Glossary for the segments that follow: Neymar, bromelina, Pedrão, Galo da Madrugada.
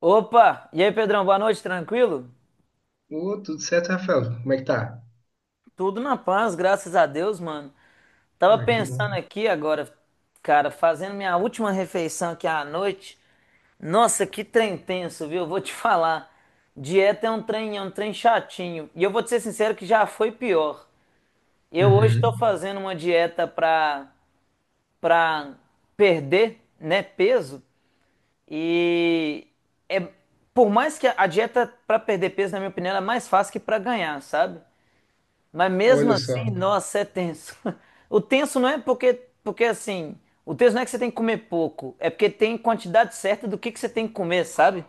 Opa! E aí, Pedrão, boa noite, tranquilo? Ô, tudo certo, Rafael? Como é que tá? Tudo na paz, graças a Deus, mano. Tava Ah, que pensando bom. aqui agora, cara, fazendo minha última refeição aqui à noite. Nossa, que trem tenso, viu? Vou te falar. Dieta é um trem chatinho. E eu vou te ser sincero que já foi pior. Eu hoje Uhum. estou fazendo uma dieta pra perder, né, peso. E é, por mais que a dieta pra perder peso, na minha opinião, ela é mais fácil que pra ganhar, sabe? Mas mesmo Olha só. assim, nossa, é tenso. O tenso não porque assim, o tenso não é que você tem que comer pouco, é porque tem quantidade certa do que você tem que comer, sabe?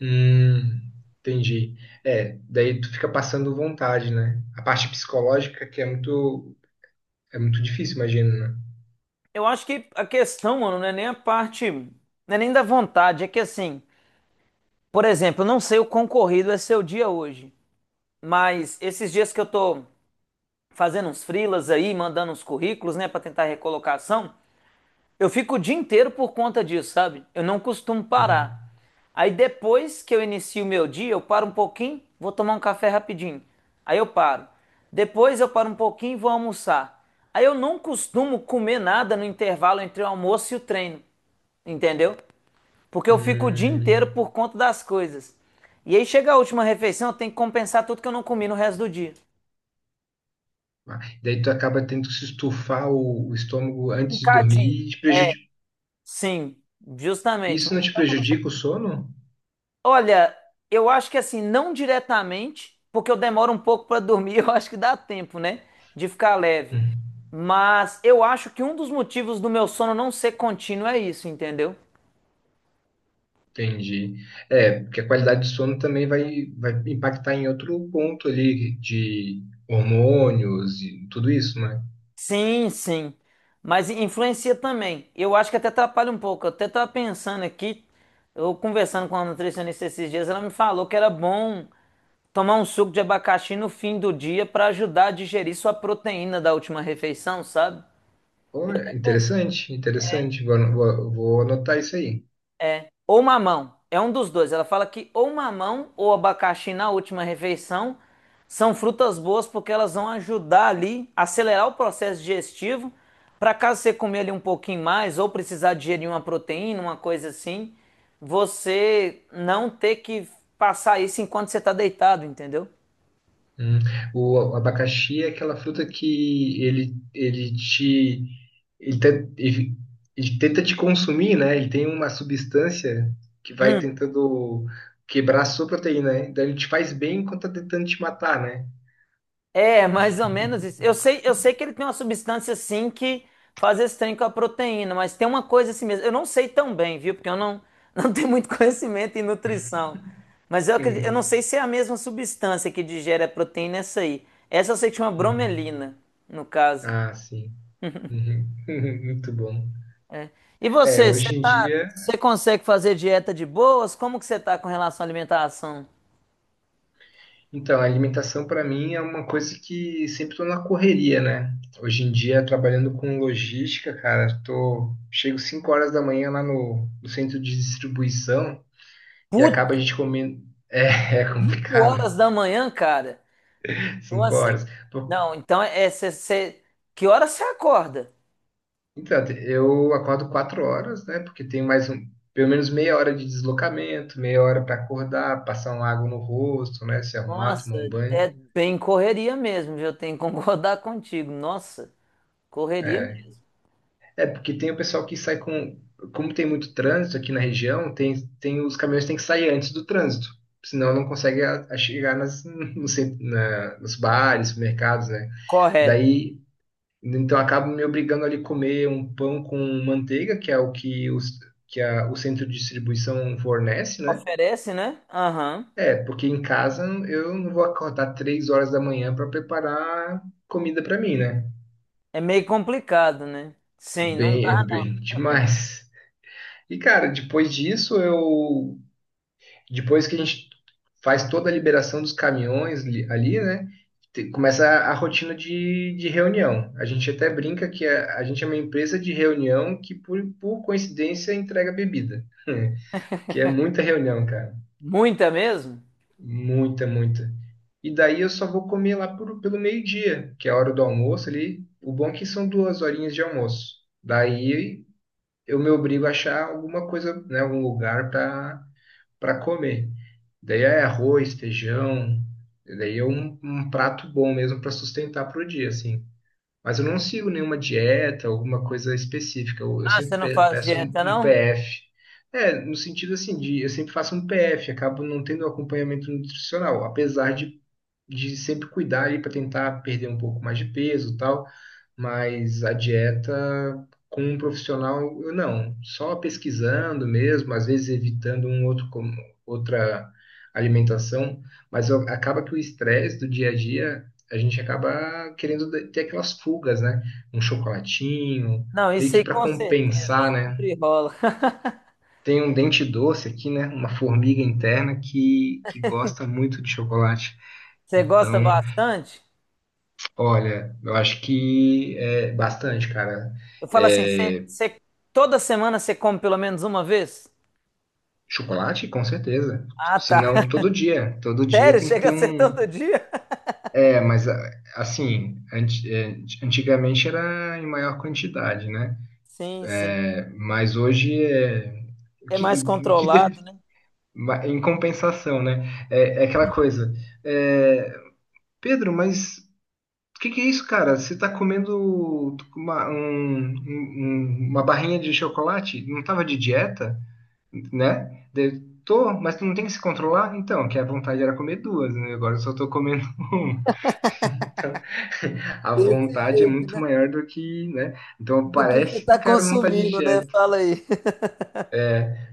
Hum. Entendi. É, daí tu fica passando vontade, né? A parte psicológica que é muito difícil, imagino, né? Eu acho que a questão, mano, não é nem a parte, não é nem da vontade, é que assim, por exemplo, eu não sei o quão corrido é seu dia hoje, mas esses dias que eu tô fazendo uns freelas aí, mandando uns currículos, né, pra tentar recolocação. Eu fico o dia inteiro por conta disso, sabe? Eu não costumo Hum, parar. Aí depois que eu inicio o meu dia, eu paro um pouquinho, vou tomar um café rapidinho. Aí eu paro. Depois eu paro um pouquinho e vou almoçar. Aí eu não costumo comer nada no intervalo entre o almoço e o treino. Entendeu? Porque eu fico o dia hum. inteiro por conta das coisas. E aí chega a última refeição, eu tenho que compensar tudo que eu não comi no resto do dia. Ah, daí tu acaba tendo que se estufar o estômago antes de Picadinho. dormir e te prejudica. Sim, justamente. Isso Meu não te estômago. prejudica o sono? Olha, eu acho que assim, não diretamente, porque eu demoro um pouco para dormir, eu acho que dá tempo, né, de ficar leve. Hum. Mas eu acho que um dos motivos do meu sono não ser contínuo é isso, entendeu? Entendi. É, porque a qualidade de sono também vai impactar em outro ponto ali de hormônios e tudo isso, né? Sim, sim. Mas influencia também. Eu acho que até atrapalha um pouco. Eu até tava pensando aqui, eu conversando com a nutricionista esses dias, ela me falou que era bom tomar um suco de abacaxi no fim do dia para ajudar a digerir sua proteína da última refeição, sabe? Olha, interessante, interessante. Vou anotar isso aí. Ou mamão. É um dos dois. Ela fala que ou mamão ou abacaxi na última refeição são frutas boas porque elas vão ajudar ali a acelerar o processo digestivo. Para caso você comer ali um pouquinho mais ou precisar digerir uma proteína, uma coisa assim, você não ter que passar isso enquanto você está deitado, entendeu? Hum. O abacaxi é aquela fruta que ele, te- ele- ele tenta te consumir, né? Ele tem uma substância que vai tentando quebrar a sua proteína, né? Então ele te faz bem enquanto tá tentando te matar, né? É, mais ou menos isso. Eu sei que ele tem uma substância assim que faz esse trem com a proteína, mas tem uma coisa assim mesmo. Eu não sei tão bem, viu? Porque eu não, não tenho muito conhecimento em nutrição. Mas eu acredito, eu não Hum. sei se é a mesma substância que digere a proteína essa aí. Essa eu sei que chama Uhum. bromelina, no caso. Ah, sim. Uhum. Muito bom. E É, você, você hoje em tá, dia, você consegue fazer dieta de boas? Como que você tá com relação à alimentação? então, a alimentação para mim é uma coisa que sempre tô na correria, né? Hoje em dia, trabalhando com logística, cara, chego 5 horas da manhã lá no centro de distribuição e Putz, acaba a gente comendo. É, é 5 complicado, horas da manhã, cara. cinco Nossa, horas. Pô, não, então é, é cê- cê- que hora você acorda? Então, eu acordo 4 horas, né? Porque tem mais um, pelo menos meia hora de deslocamento, meia hora para acordar, passar uma água no rosto, né? Se arrumar, Nossa, tomar um banho. é bem correria mesmo, viu? Eu tenho que concordar contigo. Nossa, correria É, mesmo. É, porque tem o pessoal que sai com. Como tem muito trânsito aqui na região, tem os caminhões têm que sair antes do trânsito. Senão não consegue a chegar no cent- na- nos bares, supermercados, né? Correto. Daí, então acabo me obrigando ali a comer um pão com manteiga, que é o que, os, que a, o centro de distribuição fornece, né? Oferece, né? Aham. É, porque em casa eu não vou acordar 3 horas da manhã para preparar comida para mim, né? É meio complicado, né? Sim, não Bem, é dá. bem demais. E, cara, depois disso, eu. Depois que a gente faz toda a liberação dos caminhões ali, né? Começa a rotina de reunião. A gente até brinca que a gente é uma empresa de reunião que, por coincidência, entrega bebida. Que é muita reunião, cara. Muita mesmo? Muita, muita. E daí eu só vou comer lá pelo meio-dia, que é a hora do almoço ali. O bom é que são 2 horinhas de almoço. Daí eu me obrigo a achar alguma coisa, né, algum lugar para comer. Daí é arroz, feijão, daí é um prato bom mesmo para sustentar pro dia, assim. Mas eu não sigo nenhuma dieta, alguma coisa específica. Eu Ah, você sempre não faz peço um, dieta, um não? PF. É, no sentido assim de eu sempre faço um PF, acabo não tendo acompanhamento nutricional, apesar de sempre cuidar aí para tentar perder um pouco mais de peso e tal, mas a dieta com um profissional, eu não, só pesquisando mesmo, às vezes evitando um outro outra alimentação, mas acaba que o estresse do dia a dia, a gente acaba querendo ter aquelas fugas, né? Um chocolatinho, Não, meio isso que aí para com certeza, compensar, né? sempre rola. Tem um dente doce aqui, né? Uma formiga interna que gosta muito de chocolate. Você gosta Então, bastante? Olha, eu acho que é bastante, cara. Eu falo assim, É, toda semana você come pelo menos uma vez? chocolate, com certeza. Ah, Se tá. não, todo dia. Todo dia Sério? tem que Chega ter a ser um. todo dia? É, mas assim, antigamente era em maior quantidade, né? Sim, sim. É. Mas hoje é. É mais Que, que de- controlado, né? Em compensação, né? É, é aquela coisa. é, Pedro, mas o que que é isso, cara? Você tá comendo uma barrinha de chocolate? Não tava de dieta, né? Daí, mas tu não tem que se controlar? Então, que a vontade era comer duas, né? Agora eu só tô comendo uma. Então, a Desse vontade é jeito, muito né? maior do que, né? Então Do que você parece que está o cara não tá de consumindo, né? dieta, Fala aí.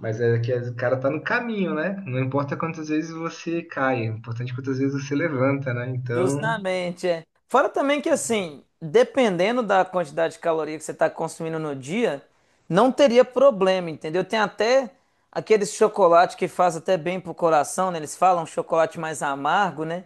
mas é que o cara tá no caminho, né? Não importa quantas vezes você cai, é importante quantas vezes você levanta, né? Então, Justamente, é. Fora também que, assim, dependendo da quantidade de caloria que você está consumindo no dia, não teria problema, entendeu? Tem até aqueles chocolate que faz até bem pro coração, né? Eles falam chocolate mais amargo, né?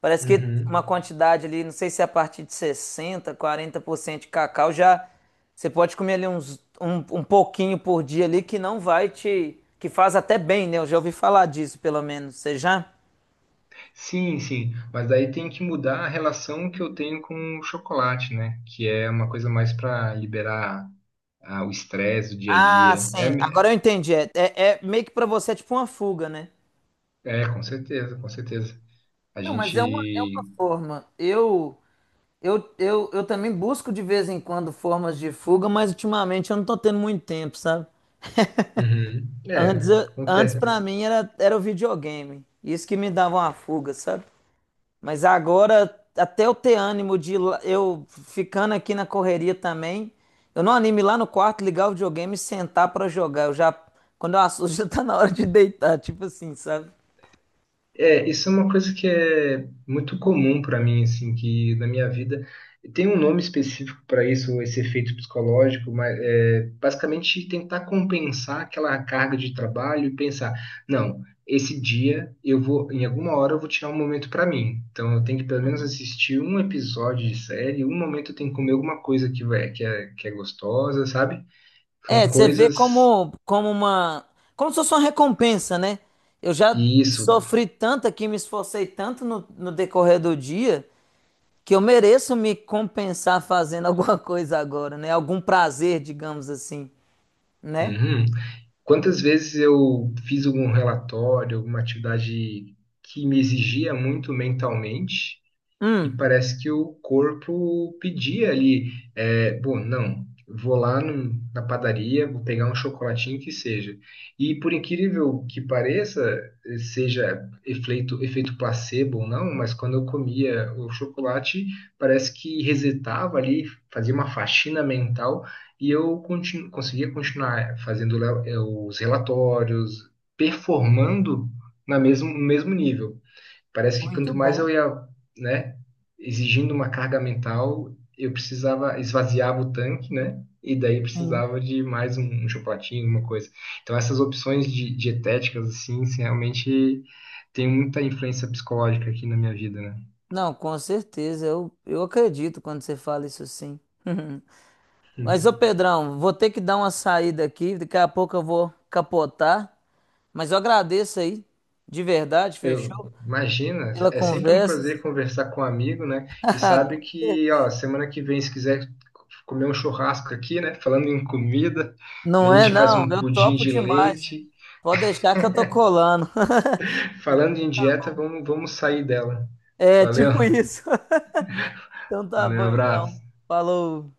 Parece que uma Uhum. quantidade ali, não sei se é a partir de sessenta, quarenta por cento de cacau já você pode comer ali um pouquinho por dia ali que não vai te, que faz até bem, né? Eu já ouvi falar disso, pelo menos. Você já? Sim, sim, mas daí tem que mudar a relação que eu tenho com o chocolate, né? Que é uma coisa mais para liberar o estresse do dia a Ah, dia. É, sim. Agora eu entendi. Meio que pra você é tipo uma fuga, né? É, com certeza, com certeza. A Não, mas é uma gente. forma. Eu também busco de vez em quando formas de fuga, mas ultimamente eu não tô tendo muito tempo, sabe? Uhum. É, Antes para acontece. mim era o videogame. Isso que me dava uma fuga, sabe? Mas agora, até eu ter ânimo de ir lá- eu ficando aqui na correria também, eu não animo ir lá no quarto, ligar o videogame e sentar pra jogar. Eu já, quando eu assusto, já tá na hora de deitar, tipo assim, sabe? É, isso é uma coisa que é muito comum para mim, assim, que na minha vida. Tem um nome específico para isso, esse efeito psicológico, mas é, basicamente tentar compensar aquela carga de trabalho e pensar, não, esse dia eu vou, em alguma hora eu vou tirar um momento para mim. Então eu tenho que pelo menos assistir um episódio de série, um momento eu tenho que comer alguma coisa que é gostosa, sabe? É, São você vê coisas. Como uma, como se fosse uma recompensa, né? Eu já E isso. sofri tanto aqui, me esforcei tanto no decorrer do dia que eu mereço me compensar fazendo alguma coisa agora, né? Algum prazer, digamos assim, né? Uhum. Quantas vezes eu fiz algum relatório, alguma atividade que me exigia muito mentalmente, e Hum, parece que o corpo pedia ali, bom, não, vou lá na padaria, vou pegar um chocolatinho que seja. E por incrível que pareça, seja efeito placebo ou não, mas quando eu comia o chocolate, parece que resetava ali, fazia uma faxina mental e eu conseguia continuar fazendo os relatórios, performando no mesmo nível. Parece que muito quanto mais bom. eu ia, né, exigindo uma carga mental, eu precisava esvaziava o tanque, né? E daí Sim. precisava de mais um chocolatinho, alguma coisa. Então essas opções dietéticas assim, realmente tem muita influência psicológica aqui na minha vida, né? Não, com certeza, eu acredito quando você fala isso sim. Mas, Hum. ô Pedrão, vou ter que dar uma saída aqui, daqui a pouco eu vou capotar, mas eu agradeço aí, de verdade, Eu, fechou? imagina, Pela é sempre um conversa. prazer conversar com um amigo, né? E sabe Com que, ó, certeza. semana que vem, se quiser comer um churrasco aqui, né? Falando em comida, daí Não a é, gente faz não, um eu pudim topo de demais. Né? leite, Pode deixar que eu tô colando. Falando em dieta, vamos sair dela. É, Valeu, tipo isso. Então tá bom, valeu, então. abraço. Falou.